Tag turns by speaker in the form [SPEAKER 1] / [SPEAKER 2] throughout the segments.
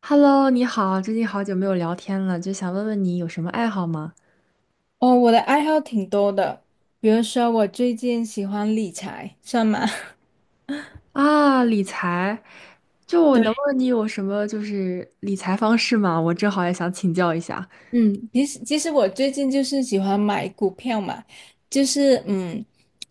[SPEAKER 1] Hello，你好，最近好久没有聊天了，就想问问你有什么爱好吗？
[SPEAKER 2] 哦，我的爱好挺多的，比如说我最近喜欢理财，算吗？
[SPEAKER 1] 啊，理财，就 我能
[SPEAKER 2] 对，
[SPEAKER 1] 问你有什么理财方式吗？我正好也想请教一下。
[SPEAKER 2] 嗯，其实我最近就是喜欢买股票嘛，就是嗯，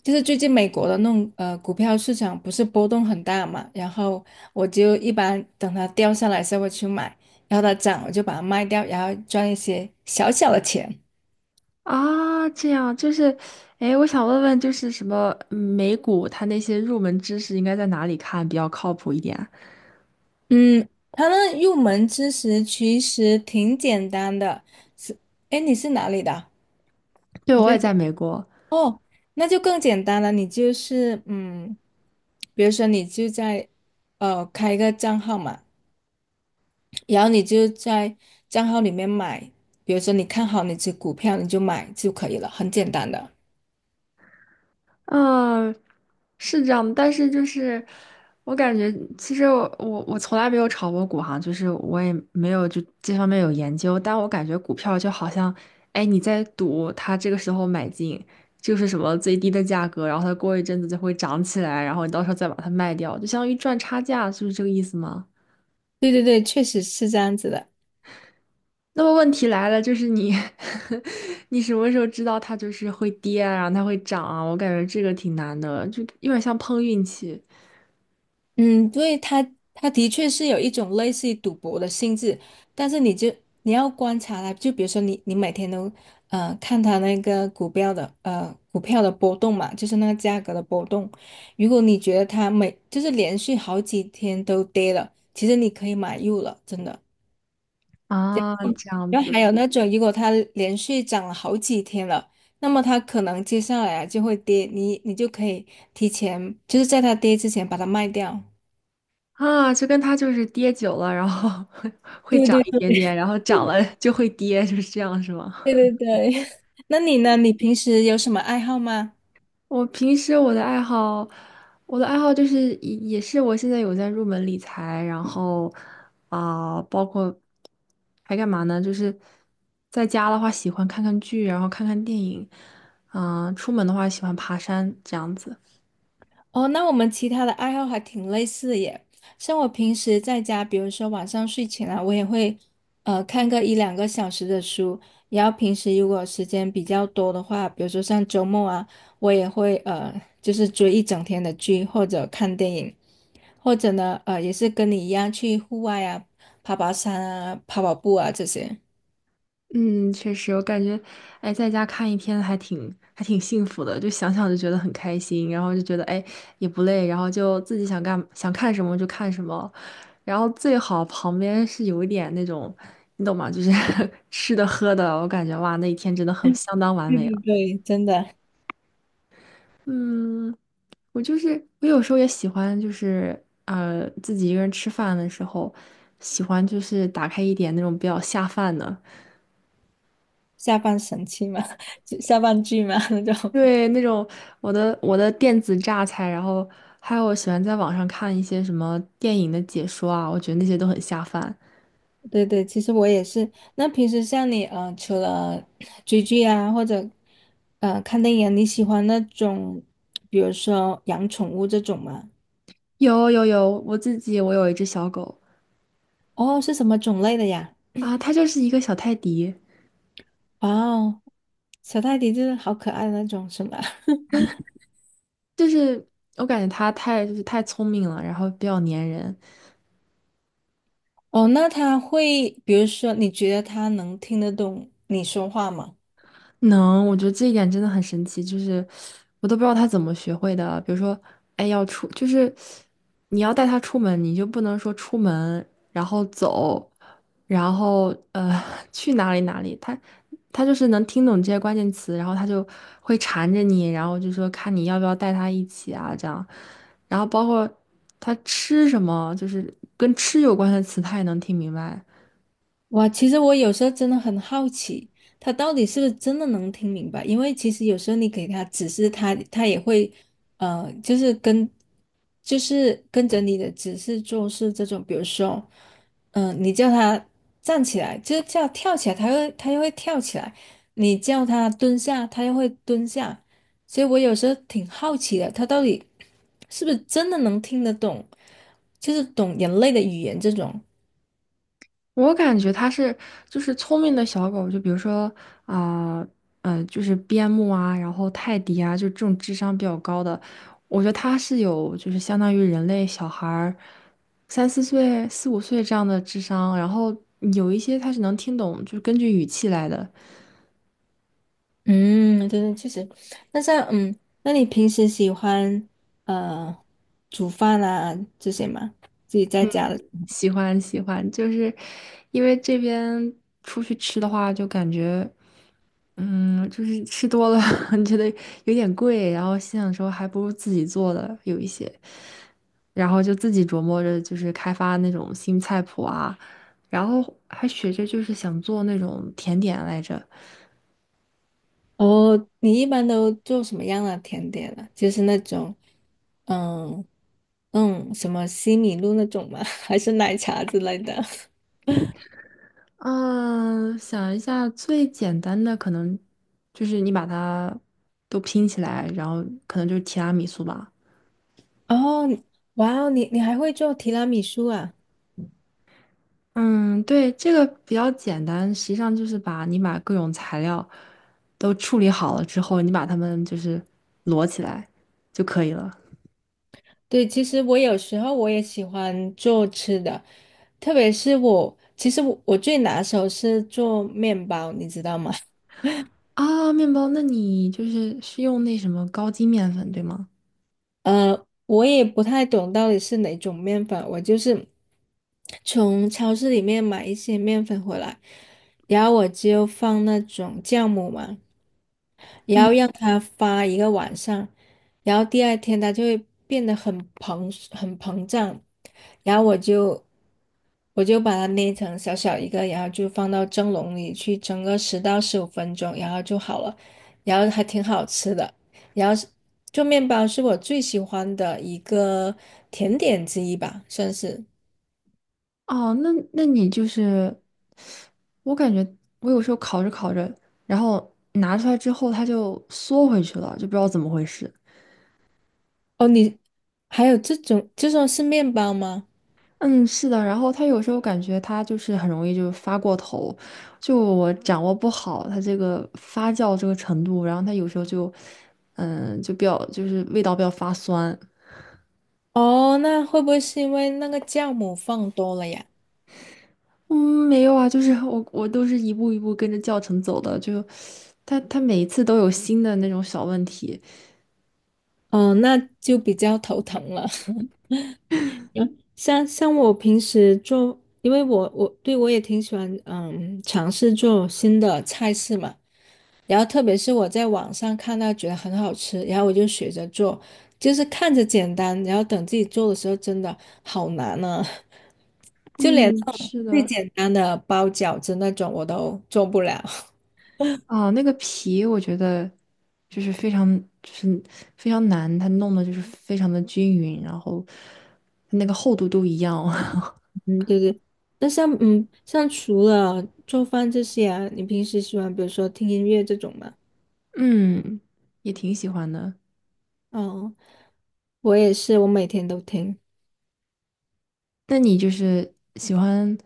[SPEAKER 2] 就是最近美国的那种股票市场不是波动很大嘛，然后我就一般等它掉下来才时候我去买，然后它涨我就把它卖掉，然后赚一些小小的钱。
[SPEAKER 1] 啊，这样就是，哎，我想问问就是什么美股它那些入门知识应该在哪里看比较靠谱一点？
[SPEAKER 2] 嗯，它那入门知识其实挺简单的，是，哎，你是哪里的？
[SPEAKER 1] 对，
[SPEAKER 2] 你
[SPEAKER 1] 我也
[SPEAKER 2] 跟。
[SPEAKER 1] 在美国。
[SPEAKER 2] 哦，那就更简单了。你就是比如说你就在开一个账号嘛，然后你就在账号里面买，比如说你看好哪只股票，你就买就可以了，很简单的。
[SPEAKER 1] 嗯，是这样的，但是就是我感觉，其实我从来没有炒过股哈，就是我也没有就这方面有研究，但我感觉股票就好像，哎，你在赌它这个时候买进就是什么最低的价格，然后它过一阵子就会涨起来，然后你到时候再把它卖掉，就相当于赚差价，是不是这个意思吗？
[SPEAKER 2] 对对对，确实是这样子的。
[SPEAKER 1] 那么问题来了，就是你 你什么时候知道它就是会跌啊然后它会涨啊？我感觉这个挺难的，就有点像碰运气。
[SPEAKER 2] 嗯，对，它的确是有一种类似于赌博的性质，但是你要观察它，就比如说你每天都看它那个股票的波动嘛，就是那个价格的波动。如果你觉得它就是连续好几天都跌了，其实你可以买入了，真的。
[SPEAKER 1] 啊，这样
[SPEAKER 2] 然后还
[SPEAKER 1] 子
[SPEAKER 2] 有那种如果它连续涨了好几天了，那么它可能接下来啊就会跌，你就可以提前就是在它跌之前把它卖掉。
[SPEAKER 1] 啊，就跟他就是跌久了，然后 会
[SPEAKER 2] 对
[SPEAKER 1] 涨
[SPEAKER 2] 对
[SPEAKER 1] 一点点，然后涨了就会跌，就是这样，是吗？
[SPEAKER 2] 对对对，那你呢？你平时有什么爱好吗？
[SPEAKER 1] 我平时我的爱好，我的爱好就是也是我现在有在入门理财，然后啊、包括还干嘛呢？就是在家的话喜欢看看剧，然后看看电影，嗯、出门的话喜欢爬山这样子。
[SPEAKER 2] 哦，那我们其他的爱好还挺类似的耶。像我平时在家，比如说晚上睡前啊，我也会看个一两个小时的书。然后平时如果时间比较多的话，比如说像周末啊，我也会就是追一整天的剧或者看电影，或者呢也是跟你一样去户外啊，爬爬山啊，跑跑步啊这些。
[SPEAKER 1] 嗯，确实，我感觉，哎，在家看一天还挺幸福的，就想想就觉得很开心，然后就觉得哎也不累，然后就自己想干想看什么就看什么，然后最好旁边是有一点那种，你懂吗？就是 吃的喝的，我感觉哇，那一天真的 很
[SPEAKER 2] 对
[SPEAKER 1] 相当完美
[SPEAKER 2] 对
[SPEAKER 1] 了。
[SPEAKER 2] 对，真的。
[SPEAKER 1] 嗯，我就是我有时候也喜欢，就是自己一个人吃饭的时候，喜欢就是打开一点那种比较下饭的。
[SPEAKER 2] 下半神器嘛，就下半句嘛 那种。
[SPEAKER 1] 对，那种我的电子榨菜，然后还有我喜欢在网上看一些什么电影的解说啊，我觉得那些都很下饭。
[SPEAKER 2] 对对，其实我也是。那平时像你，除了 追剧啊，或者看电影啊你喜欢那种，比如说养宠物这种吗？
[SPEAKER 1] 有，我自己我有一只小狗
[SPEAKER 2] 哦，是什么种类的呀？
[SPEAKER 1] 啊，它就是一个小泰迪，
[SPEAKER 2] 哇哦，小泰迪就是好可爱的那种，是吗？
[SPEAKER 1] 就是我感觉它太就是太聪明了，然后比较粘人。
[SPEAKER 2] 哦，那它会，比如说，你觉得它能听得懂你说话吗？
[SPEAKER 1] 能，我觉得这一点真的很神奇，就是我都不知道他怎么学会的。比如说，哎，要出，就是你要带他出门，你就不能说出门，然后走，然后去哪里哪里。他能听懂这些关键词，然后他就会缠着你，然后就说看你要不要带他一起啊，这样。然后包括他吃什么，就是跟吃有关的词，他也能听明白。
[SPEAKER 2] 哇，其实我有时候真的很好奇，他到底是不是真的能听明白？因为其实有时候你给他指示他，他也会，呃，就是跟，就是跟着你的指示做事这种。比如说，你叫他站起来，就是叫跳起来，他又会跳起来；你叫他蹲下，他又会蹲下。所以我有时候挺好奇的，他到底是不是真的能听得懂，就是懂人类的语言这种。
[SPEAKER 1] 我感觉它是就是聪明的小狗，就比如说啊，嗯，就是边牧啊，然后泰迪啊，就这种智商比较高的，我觉得它是有就是相当于人类小孩儿三四岁、四五岁这样的智商，然后有一些它是能听懂，就是根据语气来的。
[SPEAKER 2] 嗯，对对，确实。那像嗯，那你平时喜欢呃煮饭啊这些吗？自己在家的
[SPEAKER 1] 喜欢喜欢，就是因为这边出去吃的话，就感觉。嗯，就是吃多了 觉得有点贵，然后心想说还不如自己做的有一些，然后就自己琢磨着就是开发那种新菜谱啊，然后还学着就是想做那种甜点来着。
[SPEAKER 2] 哦，你一般都做什么样的甜点啊？就是那种嗯什么西米露那种吗？还是奶茶之类的？
[SPEAKER 1] 嗯，想一下最简单的可能就是你把它都拼起来，然后可能就是提拉米苏吧。
[SPEAKER 2] 哦，哇哦，你还会做提拉米苏啊？
[SPEAKER 1] 嗯，对，这个比较简单，实际上就是把你把各种材料都处理好了之后，你把它们就是摞起来就可以了。
[SPEAKER 2] 对，其实我有时候我也喜欢做吃的，特别是我，其实我最拿手是做面包，你知道吗？
[SPEAKER 1] 啊，面包，那你就是是用那什么高筋面粉，对吗？
[SPEAKER 2] 我也不太懂到底是哪种面粉，我就是从超市里面买一些面粉回来，然后我就放那种酵母嘛，然
[SPEAKER 1] 嗯，
[SPEAKER 2] 后让它发一个晚上，然后第二天它就会变得很膨胀，然后我就把它捏成小小一个，然后就放到蒸笼里去蒸个10到15分钟，然后就好了，然后还挺好吃的。然后是做面包是我最喜欢的一个甜点之一吧，算是。
[SPEAKER 1] 哦，那那你就是，我感觉我有时候烤着烤着，然后拿出来之后它就缩回去了，就不知道怎么回事。
[SPEAKER 2] 哦，你还有这种是面包吗？
[SPEAKER 1] 嗯，是的，然后他有时候感觉他就是很容易就发过头，就我掌握不好他这个发酵这个程度，然后他有时候就，嗯，就比较就是味道比较发酸。
[SPEAKER 2] 哦，那会不会是因为那个酵母放多了呀？
[SPEAKER 1] 嗯，没有啊，就是 我都是一步一步跟着教程走的，就他每一次都有新的那种小问题。
[SPEAKER 2] 哦，那就比较头疼了。嗯，像我平时做，因为我也挺喜欢尝试做新的菜式嘛，然后特别是我在网上看到觉得很好吃，然后我就学着做，就是看着简单，然后等自己做的时候真的好难呢、啊 就连
[SPEAKER 1] 嗯，
[SPEAKER 2] 这种
[SPEAKER 1] 是
[SPEAKER 2] 最
[SPEAKER 1] 的，
[SPEAKER 2] 简单的包饺子那种我都做不了。
[SPEAKER 1] 啊，那个皮我觉得就是非常就是非常难，它弄的就是非常的均匀，然后那个厚度都一样。
[SPEAKER 2] 嗯，对对。那像嗯像除了做饭这些啊，你平时喜欢比如说听音乐这种吗？
[SPEAKER 1] 嗯，也挺喜欢的。
[SPEAKER 2] 哦，我也是，我每天都听。
[SPEAKER 1] 那你就是喜欢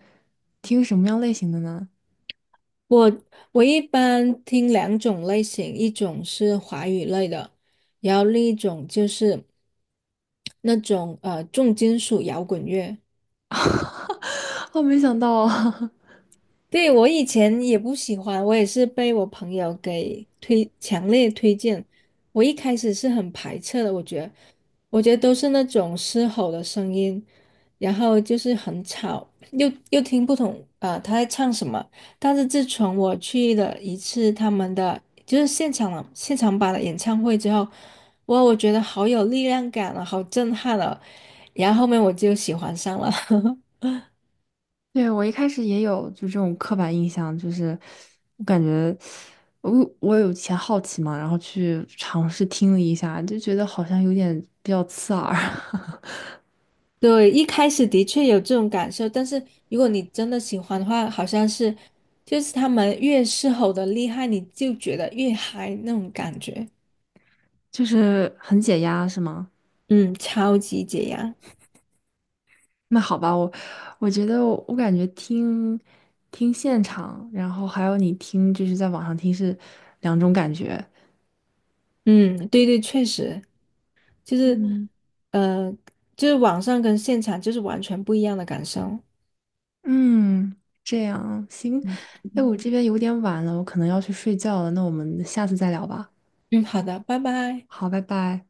[SPEAKER 1] 听什么样类型的呢？
[SPEAKER 2] 我我一般听两种类型，一种是华语类的，然后另一种就是那种重金属摇滚乐。
[SPEAKER 1] 我没想到啊。
[SPEAKER 2] 对，我以前也不喜欢，我也是被我朋友给推，强烈推荐。我一开始是很排斥的，我觉得都是那种嘶吼的声音，然后就是很吵，又听不懂啊、他在唱什么。但是自从我去了一次他们的就是现场版的演唱会之后，哇，我觉得好有力量感了，好震撼了。然后后面我就喜欢上了。
[SPEAKER 1] 对，我一开始也有就这种刻板印象，就是我感觉我我有以前好奇嘛，然后去尝试听了一下，就觉得好像有点比较刺耳。
[SPEAKER 2] 对，一开始的确有这种感受，但是如果你真的喜欢的话，好像是就是他们越狮吼的厉害，你就觉得越嗨那种感觉。
[SPEAKER 1] 就是很解压，是吗？
[SPEAKER 2] 嗯，超级解压。
[SPEAKER 1] 那好吧，我觉得我感觉听现场，然后还有你听就是在网上听是两种感觉。
[SPEAKER 2] 嗯，对对，确实就是，
[SPEAKER 1] 嗯
[SPEAKER 2] 呃，就是网上跟现场就是完全不一样的感受。
[SPEAKER 1] 嗯，这样行。哎，
[SPEAKER 2] 嗯，
[SPEAKER 1] 我这边有点晚了，我可能要去睡觉了。那我们下次再聊吧。
[SPEAKER 2] 嗯好的，拜拜。
[SPEAKER 1] 好，拜拜。